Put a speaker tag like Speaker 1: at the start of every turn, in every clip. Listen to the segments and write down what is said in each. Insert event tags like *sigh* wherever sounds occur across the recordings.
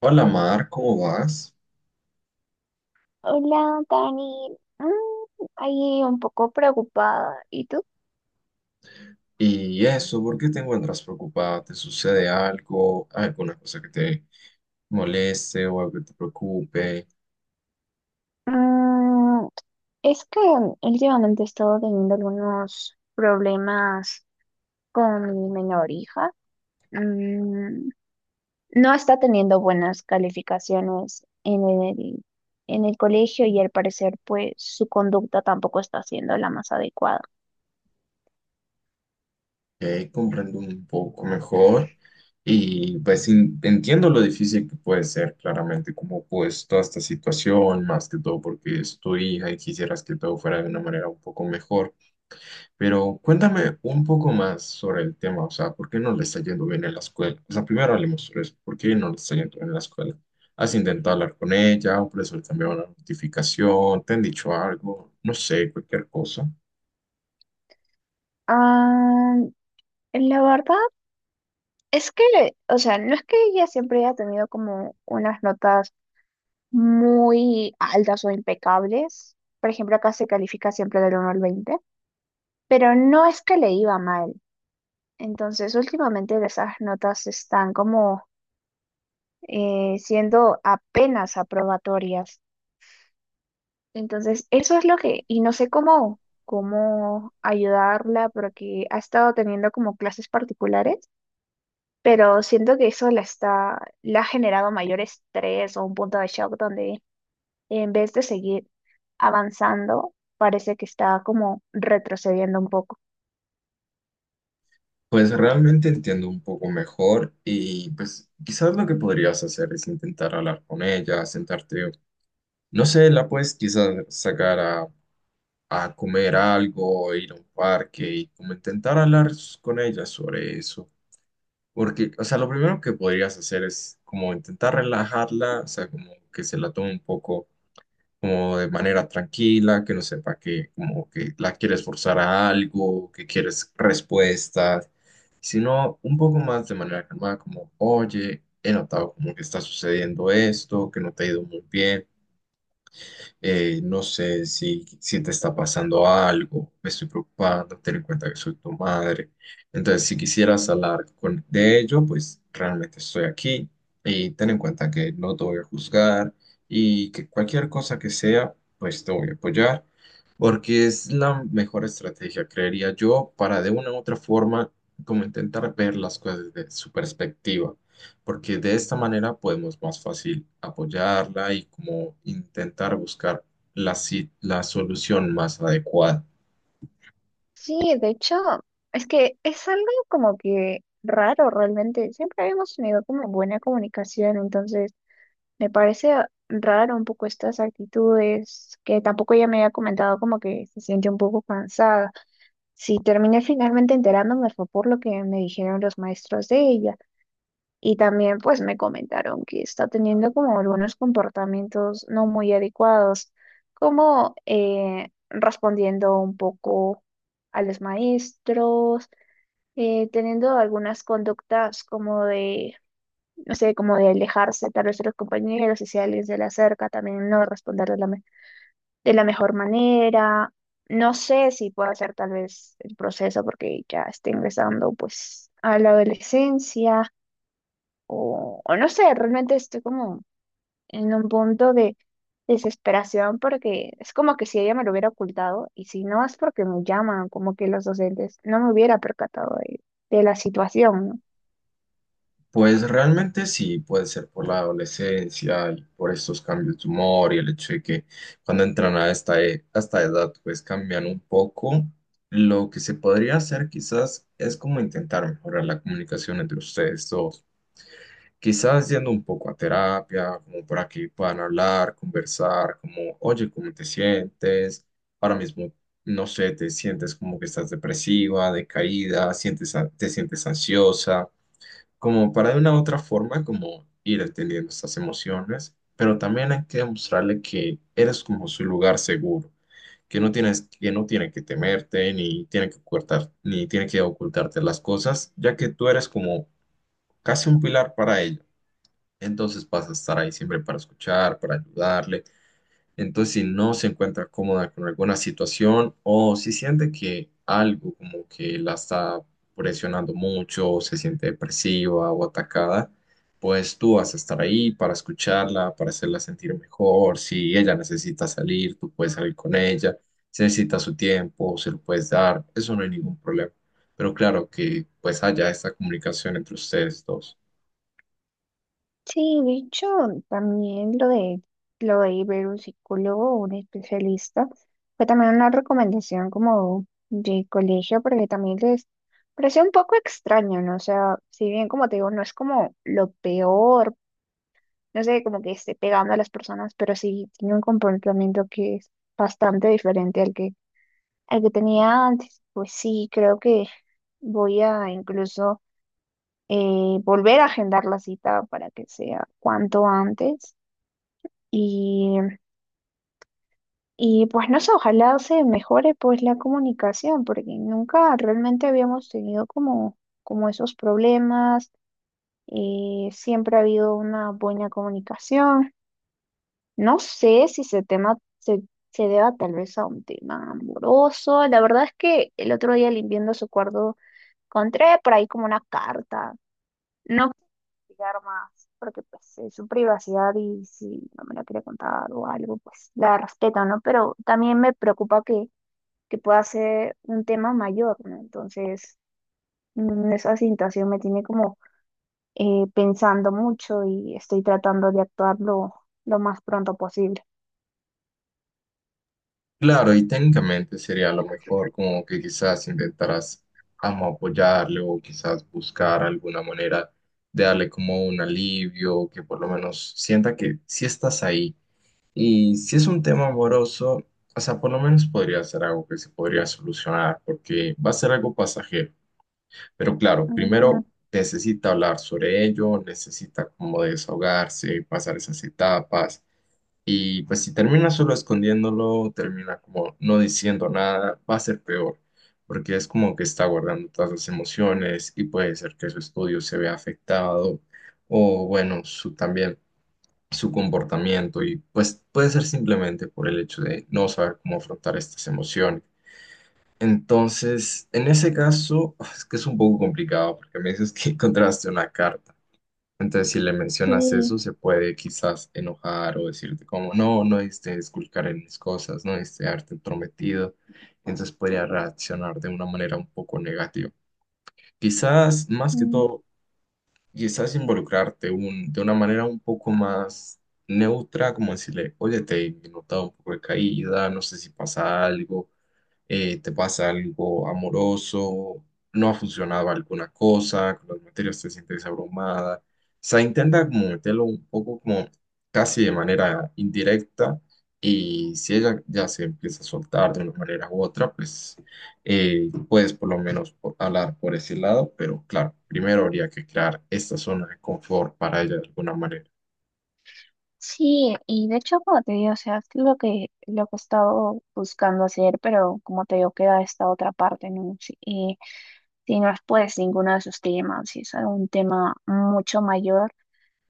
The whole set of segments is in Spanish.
Speaker 1: Hola Mar, ¿cómo vas?
Speaker 2: Hola, Dani. Ahí un poco preocupada. ¿Y tú?
Speaker 1: Y eso, ¿por qué te encuentras preocupada? ¿Te sucede algo? ¿Alguna cosa que te moleste o algo que te preocupe?
Speaker 2: Mm, es que últimamente he estado teniendo algunos problemas con mi menor hija. Mm, no está teniendo buenas calificaciones en el colegio y al parecer pues su conducta tampoco está siendo la más adecuada.
Speaker 1: Ok, comprendo un poco mejor y pues entiendo lo difícil que puede ser claramente como pues toda esta situación, más que todo porque es tu hija y quisieras que todo fuera de una manera un poco mejor. Pero cuéntame un poco más sobre el tema, o sea, ¿por qué no le está yendo bien en la escuela? O sea, primero hablemos sobre eso, ¿por qué no le está yendo bien en la escuela? ¿Has intentado hablar con ella? ¿Por eso le cambiaron la notificación? ¿Te han dicho algo? No sé, cualquier cosa.
Speaker 2: Ah, la verdad es que, o sea, no es que ella siempre haya tenido como unas notas muy altas o impecables. Por ejemplo, acá se califica siempre del 1 al 20, pero no es que le iba mal. Entonces, últimamente esas notas están como siendo apenas aprobatorias. Entonces, eso es lo que, y no sé cómo ayudarla porque ha estado teniendo como clases particulares, pero siento que eso la está, le ha generado mayor estrés o un punto de shock donde en vez de seguir avanzando, parece que está como retrocediendo un poco.
Speaker 1: Pues realmente entiendo un poco mejor y pues quizás lo que podrías hacer es intentar hablar con ella, sentarte, no sé, la puedes quizás sacar a comer algo, ir a un parque y como intentar hablar con ella sobre eso. Porque, o sea, lo primero que podrías hacer es como intentar relajarla, o sea, como que se la tome un poco como de manera tranquila, que no sepa que como que la quieres forzar a algo, que quieres respuestas, sino un poco más de manera calmada, como, oye, he notado como que está sucediendo esto, que no te ha ido muy bien no sé si te está pasando algo, me estoy preocupando, ten en cuenta que soy tu madre. Entonces, si quisieras hablar con, de ello, pues realmente estoy aquí y ten en cuenta que no te voy a juzgar y que cualquier cosa que sea, pues te voy a apoyar, porque es la mejor estrategia, creería yo, para de una u otra forma, como intentar ver las cosas desde su perspectiva porque de esta manera podemos más fácil apoyarla y como intentar buscar la, la solución más adecuada.
Speaker 2: Sí, de hecho, es que es algo como que raro realmente. Siempre habíamos tenido como buena comunicación, entonces me parece raro un poco estas actitudes, que tampoco ella me había comentado como que se siente un poco cansada. Si terminé finalmente enterándome fue por lo que me dijeron los maestros de ella. Y también pues me comentaron que está teniendo como algunos comportamientos no muy adecuados, como respondiendo un poco a los maestros, teniendo algunas conductas como de, no sé, como de alejarse tal vez de los compañeros y si alguien se le acerca también no responder de la mejor manera. No sé si puedo hacer tal vez el proceso porque ya está ingresando pues a la adolescencia. O no sé, realmente estoy como en un punto de desesperación porque es como que si ella me lo hubiera ocultado y si no es porque me llaman, como que los docentes no me hubiera percatado de la situación, ¿no?
Speaker 1: Pues realmente sí, puede ser por la adolescencia y por estos cambios de humor y el hecho de que cuando entran a esta, a esta edad pues cambian un poco. Lo que se podría hacer quizás es como intentar mejorar la comunicación entre ustedes dos. Quizás yendo un poco a terapia, como para que puedan hablar, conversar, como, oye, ¿cómo te sientes? Ahora mismo, no sé, te sientes como que estás depresiva, decaída, sientes, te sientes ansiosa, como para de una u otra forma, como ir entendiendo estas emociones, pero también hay que demostrarle que eres como su lugar seguro, que no tiene que temerte, ni tiene que ocultar, ni tiene que ocultarte las cosas, ya que tú eres como casi un pilar para ella, entonces vas a estar ahí siempre para escuchar, para ayudarle. Entonces, si no se encuentra cómoda con alguna situación o si siente que algo como que la está presionando mucho, o se siente depresiva o atacada, pues tú vas a estar ahí para escucharla, para hacerla sentir mejor. Si ella necesita salir, tú puedes salir con ella. Si necesita su tiempo, se lo puedes dar. Eso no hay ningún problema. Pero claro que pues haya esta comunicación entre ustedes dos.
Speaker 2: Sí, de hecho, también lo de ir ver un psicólogo o un especialista fue también una recomendación como de colegio porque también les pareció un poco extraño, ¿no? O sea, si bien como te digo, no es como lo peor, no sé, como que esté pegando a las personas, pero sí tiene un comportamiento que es bastante diferente al que tenía antes. Pues sí, creo que voy a incluso volver a agendar la cita para que sea cuanto antes. Y, y pues no sé, ojalá se mejore pues la comunicación, porque nunca realmente habíamos tenido como esos problemas. Siempre ha habido una buena comunicación. No sé si se tema se deba tal vez a un tema amoroso. La verdad es que el otro día limpiando su cuarto encontré por ahí como una carta. No quiero explicar más porque pues es su privacidad y si no me la quiere contar o algo, pues la respeto, ¿no? Pero también me preocupa que pueda ser un tema mayor, ¿no? Entonces, esa situación me tiene como pensando mucho y estoy tratando de actuar lo más pronto posible.
Speaker 1: Claro, y técnicamente sería a lo mejor como que quizás intentaras amo apoyarle o quizás buscar alguna manera de darle como un alivio o que por lo menos sienta que sí estás ahí. Y si es un tema amoroso, o sea, por lo menos podría ser algo que se podría solucionar porque va a ser algo pasajero. Pero claro, primero
Speaker 2: Ujú.
Speaker 1: necesita hablar sobre ello, necesita como desahogarse, pasar esas etapas. Y pues si termina solo escondiéndolo, termina como no diciendo nada, va a ser peor, porque es como que está guardando todas las emociones y puede ser que su estudio se vea afectado o bueno, su también su comportamiento y pues puede ser simplemente por el hecho de no saber cómo afrontar estas emociones. Entonces, en ese caso, *sighs* es que es un poco complicado porque me dices que *laughs* encontraste una carta. Entonces, si le mencionas
Speaker 2: Sí.
Speaker 1: eso, se puede quizás enojar o decirte como, no, no diste esculcar en mis cosas, no diste haberte entrometido. Entonces podría reaccionar de una manera un poco negativa. Quizás, más que
Speaker 2: Mm.
Speaker 1: todo, quizás involucrarte de una manera un poco más neutra, como decirle, oye, te he notado un poco de caída, no sé si pasa algo, te pasa algo amoroso, no ha funcionado alguna cosa, con las materias te sientes abrumada. O sea, intenta como meterlo un poco como casi de manera indirecta y si ella ya se empieza a soltar de una manera u otra, pues puedes por lo menos hablar por ese lado, pero claro, primero habría que crear esta zona de confort para ella de alguna manera.
Speaker 2: Sí, y de hecho, como te digo, o sea, es lo que he estado buscando hacer, pero como te digo, queda esta otra parte, ¿no? Si, y si no es pues ninguno de esos temas, si es algún tema mucho mayor,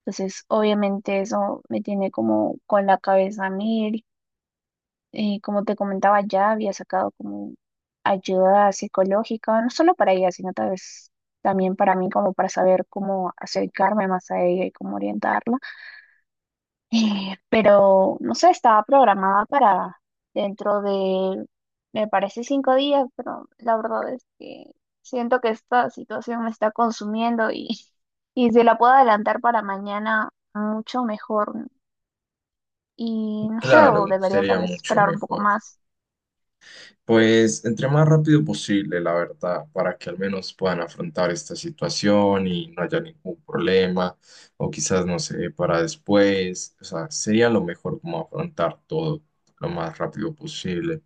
Speaker 2: entonces obviamente eso me tiene como con la cabeza a mil. Y como te comentaba, ya había sacado como ayuda psicológica, no solo para ella, sino tal vez también para mí, como para saber cómo acercarme más a ella y cómo orientarla. Pero, no sé, estaba programada para dentro de, me parece, 5 días, pero la verdad es que siento que esta situación me está consumiendo y, *laughs* y si la puedo adelantar para mañana, mucho mejor. Y no sé,
Speaker 1: Claro,
Speaker 2: o debería tal
Speaker 1: sería
Speaker 2: vez
Speaker 1: mucho
Speaker 2: esperar un poco
Speaker 1: mejor.
Speaker 2: más.
Speaker 1: Pues entre más rápido posible, la verdad, para que al menos puedan afrontar esta situación y no haya ningún problema, o quizás, no sé, para después, o sea, sería lo mejor como afrontar todo lo más rápido posible.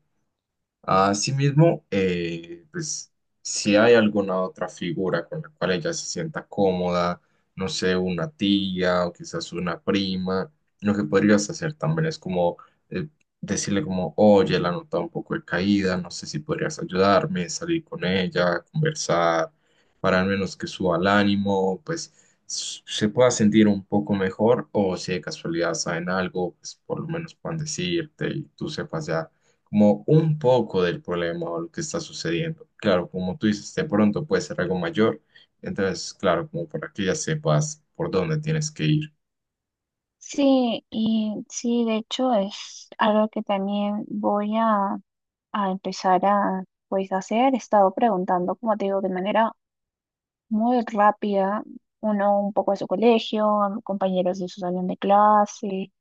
Speaker 1: Asimismo, pues si hay alguna otra figura con la cual ella se sienta cómoda, no sé, una tía o quizás una prima, lo que podrías hacer también es como eh, decirle como, oye, la nota un poco de caída, no sé si podrías ayudarme, salir con ella, conversar, para al menos que suba el ánimo, pues se pueda sentir un poco mejor o si de casualidad saben algo, pues por lo menos puedan decirte y tú sepas ya como un poco del problema o lo que está sucediendo. Claro, como tú dices, de pronto puede ser algo mayor, entonces, claro, como para que ya sepas por dónde tienes que ir.
Speaker 2: Sí, y sí, de hecho es algo que también voy a empezar a, pues, hacer. He estado preguntando, como te digo, de manera muy rápida, uno un poco de su colegio, a compañeros de su salón de clase,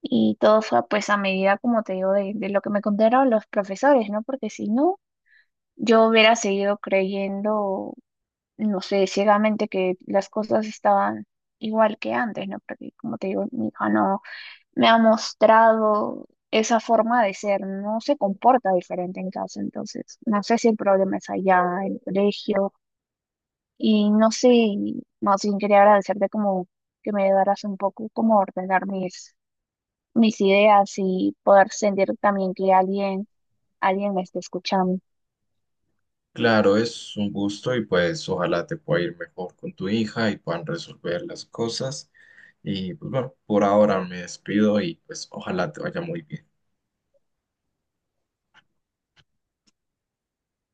Speaker 2: y todo fue pues a medida, como te digo, de lo que me contaron los profesores, ¿no? Porque si no, yo hubiera seguido creyendo, no sé, ciegamente que las cosas estaban igual que antes, ¿no? Porque como te digo, mi hija no me ha mostrado. Esa forma de ser no se comporta diferente en casa, entonces no sé si el problema es allá, en el colegio, y no sé, y más bien quería agradecerte como que me ayudaras un poco como a ordenar mis ideas y poder sentir también que alguien me está escuchando.
Speaker 1: Claro, es un gusto y pues ojalá te pueda ir mejor con tu hija y puedan resolver las cosas. Y pues bueno, por ahora me despido y pues ojalá te vaya muy bien.